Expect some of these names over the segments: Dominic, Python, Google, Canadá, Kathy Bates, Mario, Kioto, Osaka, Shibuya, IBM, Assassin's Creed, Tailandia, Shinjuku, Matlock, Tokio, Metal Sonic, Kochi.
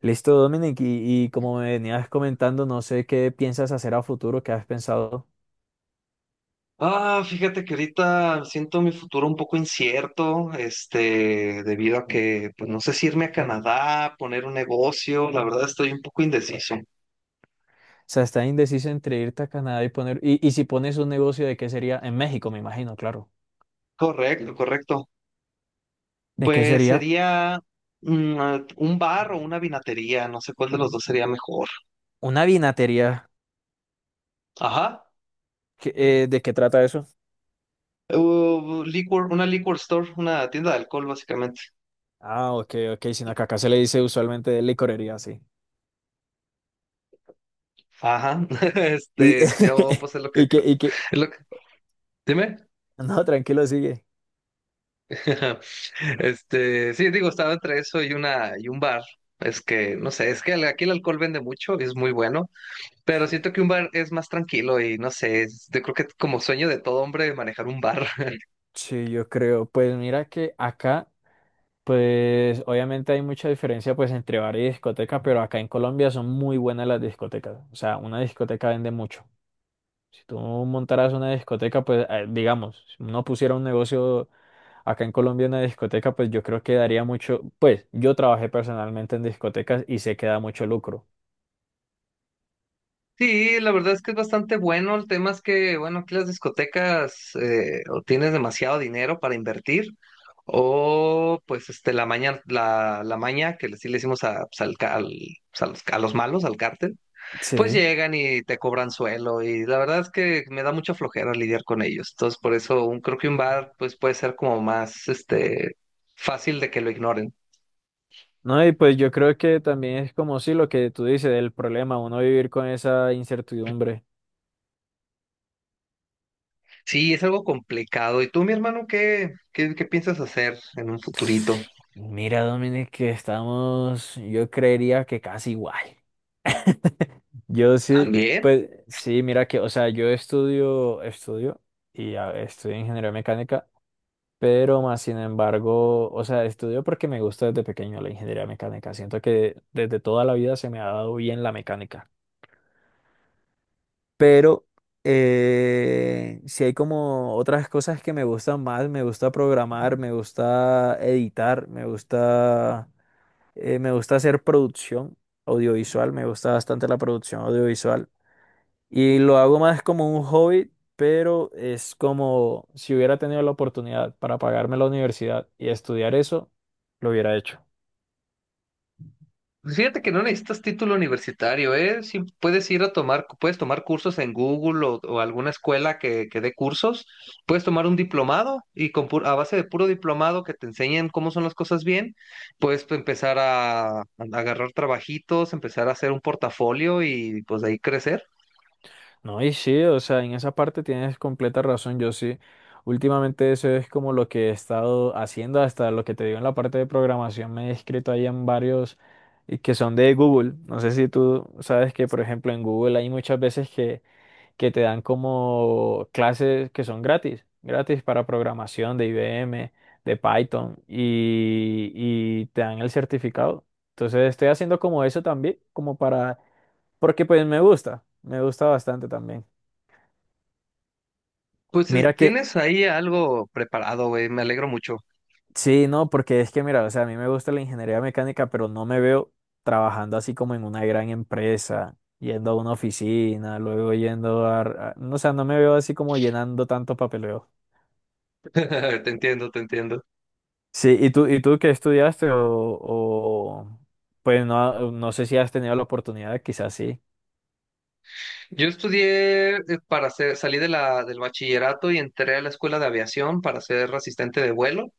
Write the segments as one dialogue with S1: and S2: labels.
S1: Listo, Dominic, y como me venías comentando, no sé qué piensas hacer a futuro, qué has pensado.
S2: Ah, fíjate que ahorita siento mi futuro un poco incierto, debido a que, pues no sé si irme a Canadá, poner un negocio, la verdad estoy un poco indeciso.
S1: O sea, estás indeciso entre irte a Canadá y poner, y si pones un negocio, ¿de qué sería? En México, me imagino, claro.
S2: Correcto, correcto.
S1: ¿De qué
S2: Pues
S1: sería?
S2: sería un bar o una vinatería, no sé cuál de los dos sería mejor.
S1: Una vinatería.
S2: Ajá.
S1: ¿Qué- ¿De qué trata eso?
S2: Una liquor store, una tienda de alcohol, básicamente.
S1: Ah, ok, ok, sino que acá se le dice usualmente de licorería, sí.
S2: Ajá.
S1: Y,
S2: Yo pues es lo que
S1: y que,
S2: creo.
S1: y que,
S2: Es lo que... Dime.
S1: no, tranquilo, sigue.
S2: Sí, digo, estaba entre eso y una y un bar. Es que, no sé, aquí el alcohol vende mucho y es muy bueno, pero
S1: Sí,
S2: siento que un bar es más tranquilo y no sé, yo creo que como sueño de todo hombre manejar un bar.
S1: sí, yo creo. Pues mira que acá. Pues obviamente hay mucha diferencia pues entre bar y discoteca, pero acá en Colombia son muy buenas las discotecas. O sea, una discoteca vende mucho. Si tú montaras una discoteca, pues digamos, si uno pusiera un negocio acá en Colombia, una discoteca, pues yo creo que daría mucho, pues yo trabajé personalmente en discotecas y sé que da mucho lucro.
S2: Sí, la verdad es que es bastante bueno. El tema es que, bueno, aquí las discotecas o tienes demasiado dinero para invertir o pues la maña, la maña sí le hicimos a, pues, pues, a los malos, al cártel. Pues
S1: Sí.
S2: llegan y te cobran suelo y la verdad es que me da mucha flojera lidiar con ellos. Entonces, creo que un bar pues puede ser como más fácil de que lo ignoren.
S1: No, y pues yo creo que también es como si lo que tú dices, el problema, uno vivir con esa incertidumbre.
S2: Sí, es algo complicado. ¿Y tú, mi hermano, qué piensas hacer en un futurito?
S1: Mira, Dominic, que estamos, yo creería que casi igual. Yo sí,
S2: También.
S1: pues sí, mira que, o sea, yo estudio estudio ingeniería mecánica, pero más sin embargo, o sea, estudio porque me gusta desde pequeño la ingeniería mecánica. Siento que desde toda la vida se me ha dado bien la mecánica. Pero si hay como otras cosas que me gustan más, me gusta programar, me gusta editar, me gusta. Me gusta hacer producción audiovisual, me gusta bastante la producción audiovisual y lo hago más como un hobby, pero es como si hubiera tenido la oportunidad para pagarme la universidad y estudiar eso, lo hubiera hecho.
S2: Pues fíjate que no necesitas título universitario, ¿eh? Sí, puedes tomar cursos en Google o alguna escuela que dé cursos. Puedes tomar un diplomado y con a base de puro diplomado que te enseñen cómo son las cosas bien, puedes empezar a agarrar trabajitos, empezar a hacer un portafolio y pues de ahí crecer.
S1: No, y sí, o sea, en esa parte tienes completa razón, yo sí. Últimamente eso es como lo que he estado haciendo, hasta lo que te digo en la parte de programación, me he inscrito ahí en varios que son de Google. No sé si tú sabes que, por ejemplo, en Google hay muchas veces que te dan como clases que son gratis, gratis para programación de IBM, de Python y te dan el certificado. Entonces estoy haciendo como eso también, como para, porque pues me gusta bastante también.
S2: Pues
S1: Mira que,
S2: tienes ahí algo preparado, güey. Me alegro mucho.
S1: sí, no, porque es que mira, o sea, a mí me gusta la ingeniería mecánica, pero no me veo trabajando así como en una gran empresa, yendo a una oficina, luego yendo no, o sea, no me veo así como llenando tanto papeleo.
S2: Te entiendo, te entiendo.
S1: Sí, ¿y tú qué estudiaste? O pues no, no sé si has tenido la oportunidad, quizás sí.
S2: Yo estudié para ser, salí de del bachillerato y entré a la escuela de aviación para ser asistente de vuelo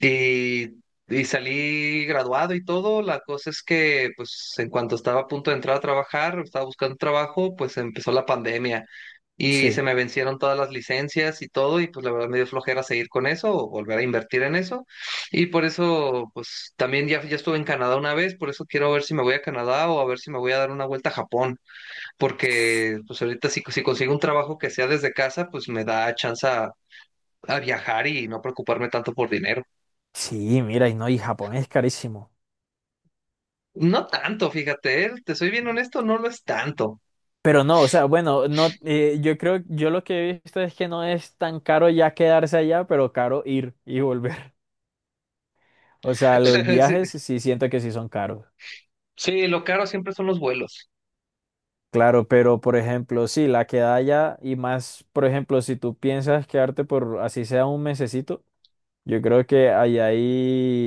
S2: y, y salí graduado y todo. La cosa es que, pues, en cuanto estaba a punto de entrar a trabajar, estaba buscando trabajo, pues empezó la pandemia y se
S1: Sí.
S2: me vencieron todas las licencias y todo y pues la verdad me dio flojera seguir con eso o volver a invertir en eso. Y por eso, pues, también ya estuve en Canadá una vez, por eso quiero ver si me voy a Canadá o a ver si me voy a dar una vuelta a Japón porque pues ahorita si consigo un trabajo que sea desde casa, pues me da chance a viajar y no preocuparme tanto por dinero.
S1: Sí, mira, y no, y Japón es carísimo.
S2: No tanto, fíjate, te soy bien honesto, no lo es tanto.
S1: Pero no, o sea, bueno, no, yo creo, yo lo que he visto es que no es tan caro ya quedarse allá, pero caro ir y volver. O sea, los viajes sí siento que sí son caros.
S2: Sí, sí, lo caro siempre son los vuelos.
S1: Claro, pero por ejemplo, sí, la quedada allá y más, por ejemplo, si tú piensas quedarte por así sea un mesecito. Yo creo que ahí hay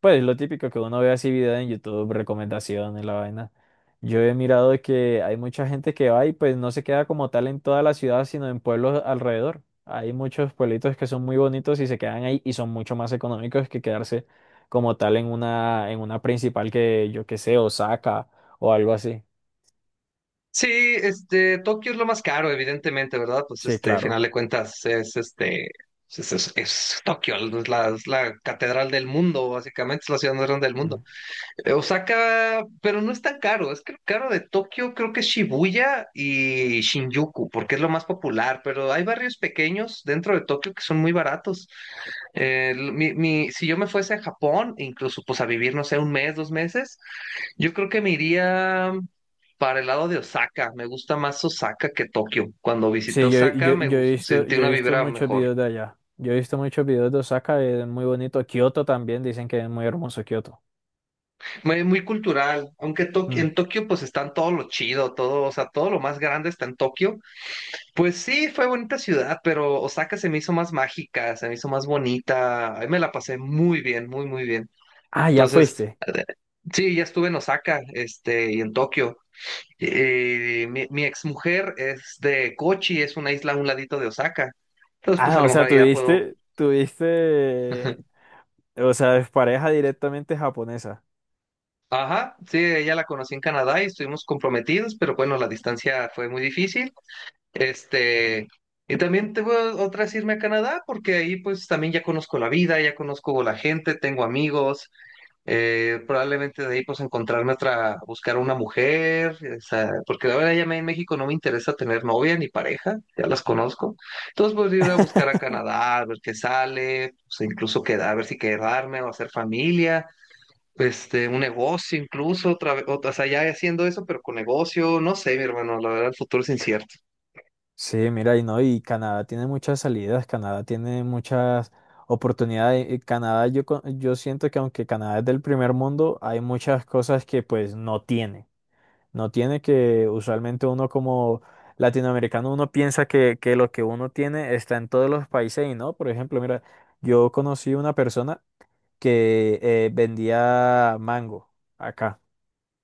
S1: pues lo típico que uno ve así videos en YouTube, recomendaciones, la vaina. Yo he mirado que hay mucha gente que va y pues no se queda como tal en toda la ciudad, sino en pueblos alrededor. Hay muchos pueblitos que son muy bonitos y se quedan ahí y son mucho más económicos que quedarse como tal en una principal que yo qué sé, Osaka o algo así.
S2: Sí, Tokio es lo más caro, evidentemente, ¿verdad? Pues
S1: Sí,
S2: a final
S1: claro.
S2: de cuentas, pues, es Tokio, es la catedral del mundo, básicamente, es la ciudad más grande del mundo. Osaka, pero no es tan caro. Es que lo caro de Tokio creo que es Shibuya y Shinjuku, porque es lo más popular. Pero hay barrios pequeños dentro de Tokio que son muy baratos. Si yo me fuese a Japón, incluso pues a vivir, no sé, un mes, dos meses, yo creo que me iría para el lado de Osaka. Me gusta más Osaka que Tokio. Cuando visité
S1: Sí, yo,
S2: Osaka
S1: yo, yo he visto,
S2: sentí
S1: yo he
S2: una
S1: visto
S2: vibra
S1: muchos
S2: mejor.
S1: videos de allá. Yo he visto muchos videos de Osaka, es muy bonito. Kioto también, dicen que es muy hermoso Kioto.
S2: Muy, muy cultural, aunque
S1: Mm.
S2: en Tokio pues están todo lo chido, todo, o sea, todo lo más grande está en Tokio. Pues sí, fue bonita ciudad, pero Osaka se me hizo más mágica, se me hizo más bonita. Ahí me la pasé muy bien, muy, muy bien.
S1: Ah, ya
S2: Entonces,
S1: fuiste.
S2: sí, ya estuve en Osaka, y en Tokio. Mi exmujer es de Kochi, es una isla a un ladito de Osaka. Entonces, pues a
S1: Ah,
S2: lo
S1: o
S2: mejor
S1: sea,
S2: ahí ya puedo.
S1: o sea, es pareja directamente japonesa.
S2: Ajá, sí, ella la conocí en Canadá y estuvimos comprometidos, pero bueno, la distancia fue muy difícil. Este, y también tengo otras irme a Canadá, porque ahí pues también ya conozco la vida, ya conozco la gente, tengo amigos, probablemente de ahí pues encontrarme otra, buscar una mujer, o sea, porque la verdad en México no me interesa tener novia ni pareja, ya las conozco. Entonces pues ir a buscar a Canadá, a ver qué sale, pues, incluso quedar, a ver si quedarme o hacer familia. Un negocio incluso, o sea, ya haciendo eso, pero con negocio, no sé, mi hermano, la verdad el futuro es incierto.
S1: Sí, mira, y no, y Canadá tiene muchas salidas, Canadá tiene muchas oportunidades. Y Canadá, yo siento que aunque Canadá es del primer mundo, hay muchas cosas que pues no tiene. No tiene que, usualmente uno como latinoamericano, uno piensa que lo que uno tiene está en todos los países y no. Por ejemplo, mira, yo conocí una persona que vendía mango acá.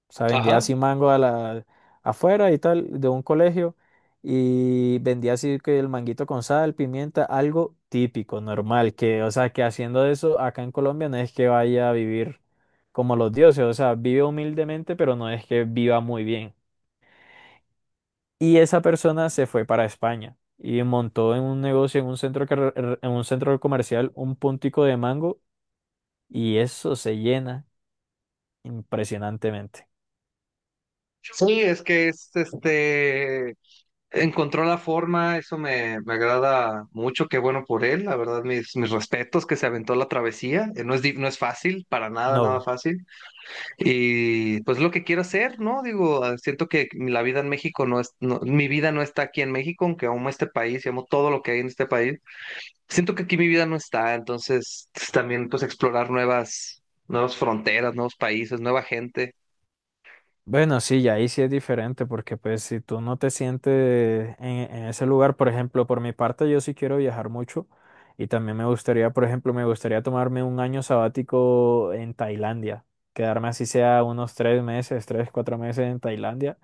S1: O sea, vendía
S2: Ajá.
S1: así mango a la, afuera y tal, de un colegio. Y vendía así que el manguito con sal, pimienta, algo típico, normal. Que, o sea, que haciendo eso acá en Colombia no es que vaya a vivir como los dioses. O sea, vive humildemente, pero no es que viva muy bien. Y esa persona se fue para España y montó en un negocio, en un centro, car en un centro comercial, un puntico de mango y eso se llena impresionantemente.
S2: Sí, es que es este encontró la forma, me agrada mucho, qué bueno por él, la verdad, mis respetos que se aventó la travesía, no no es fácil, para nada, nada
S1: No.
S2: fácil, y pues lo que quiero hacer, ¿no? Digo, ah, siento que la vida en México no es, no- mi vida no está aquí en México, aunque amo este país y amo todo lo que hay en este país, siento que aquí mi vida no está, entonces pues, también pues explorar nuevas fronteras, nuevos países, nueva gente.
S1: Bueno, sí, y ahí sí es diferente porque pues si tú no te sientes en ese lugar, por ejemplo, por mi parte yo sí quiero viajar mucho y también me gustaría, por ejemplo, me gustaría tomarme un año sabático en Tailandia, quedarme así sea unos 3 meses, 3, 4 meses en Tailandia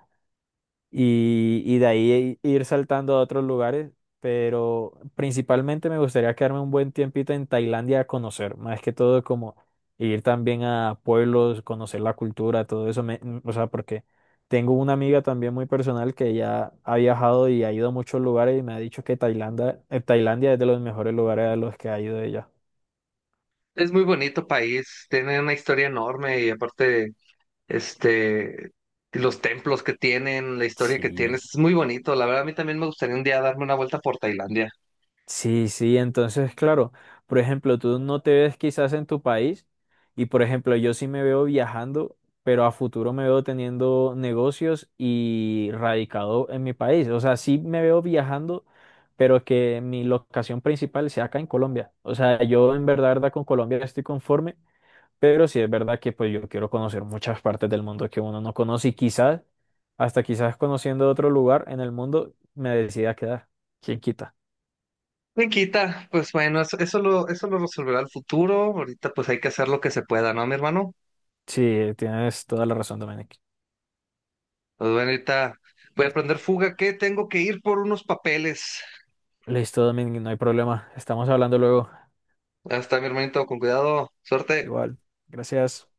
S1: y de ahí ir saltando a otros lugares, pero principalmente me gustaría quedarme un buen tiempito en Tailandia a conocer, más que todo como ir también a pueblos, conocer la cultura, todo eso, o sea, porque tengo una amiga también muy personal que ya ha viajado y ha ido a muchos lugares y me ha dicho que Tailandia, Tailandia es de los mejores lugares a los que ha ido ella.
S2: Es muy bonito país, tiene una historia enorme y aparte, este, los templos que tienen, la historia que
S1: Sí.
S2: tiene, es muy bonito. La verdad, a mí también me gustaría un día darme una vuelta por Tailandia.
S1: Sí, sí, entonces, claro, por ejemplo, tú no te ves quizás en tu país y, por ejemplo, yo sí me veo viajando, pero a futuro me veo teniendo negocios y radicado en mi país. O sea, sí me veo viajando, pero que mi locación principal sea acá en Colombia. O sea, yo en verdad, verdad, con Colombia estoy conforme, pero sí es verdad que pues yo quiero conocer muchas partes del mundo que uno no conoce y quizás, hasta quizás conociendo otro lugar en el mundo, me decida quedar. ¿Quién quita?
S2: Me quita, pues bueno, eso lo resolverá el futuro. Ahorita pues hay que hacer lo que se pueda, ¿no, mi hermano?
S1: Sí, tienes toda la razón, Dominic.
S2: Pues bueno, ahorita voy a prender fuga que tengo que ir por unos papeles.
S1: Listo, Dominic, no hay problema. Estamos hablando luego.
S2: Hasta mi hermanito, con cuidado, suerte.
S1: Igual. Gracias.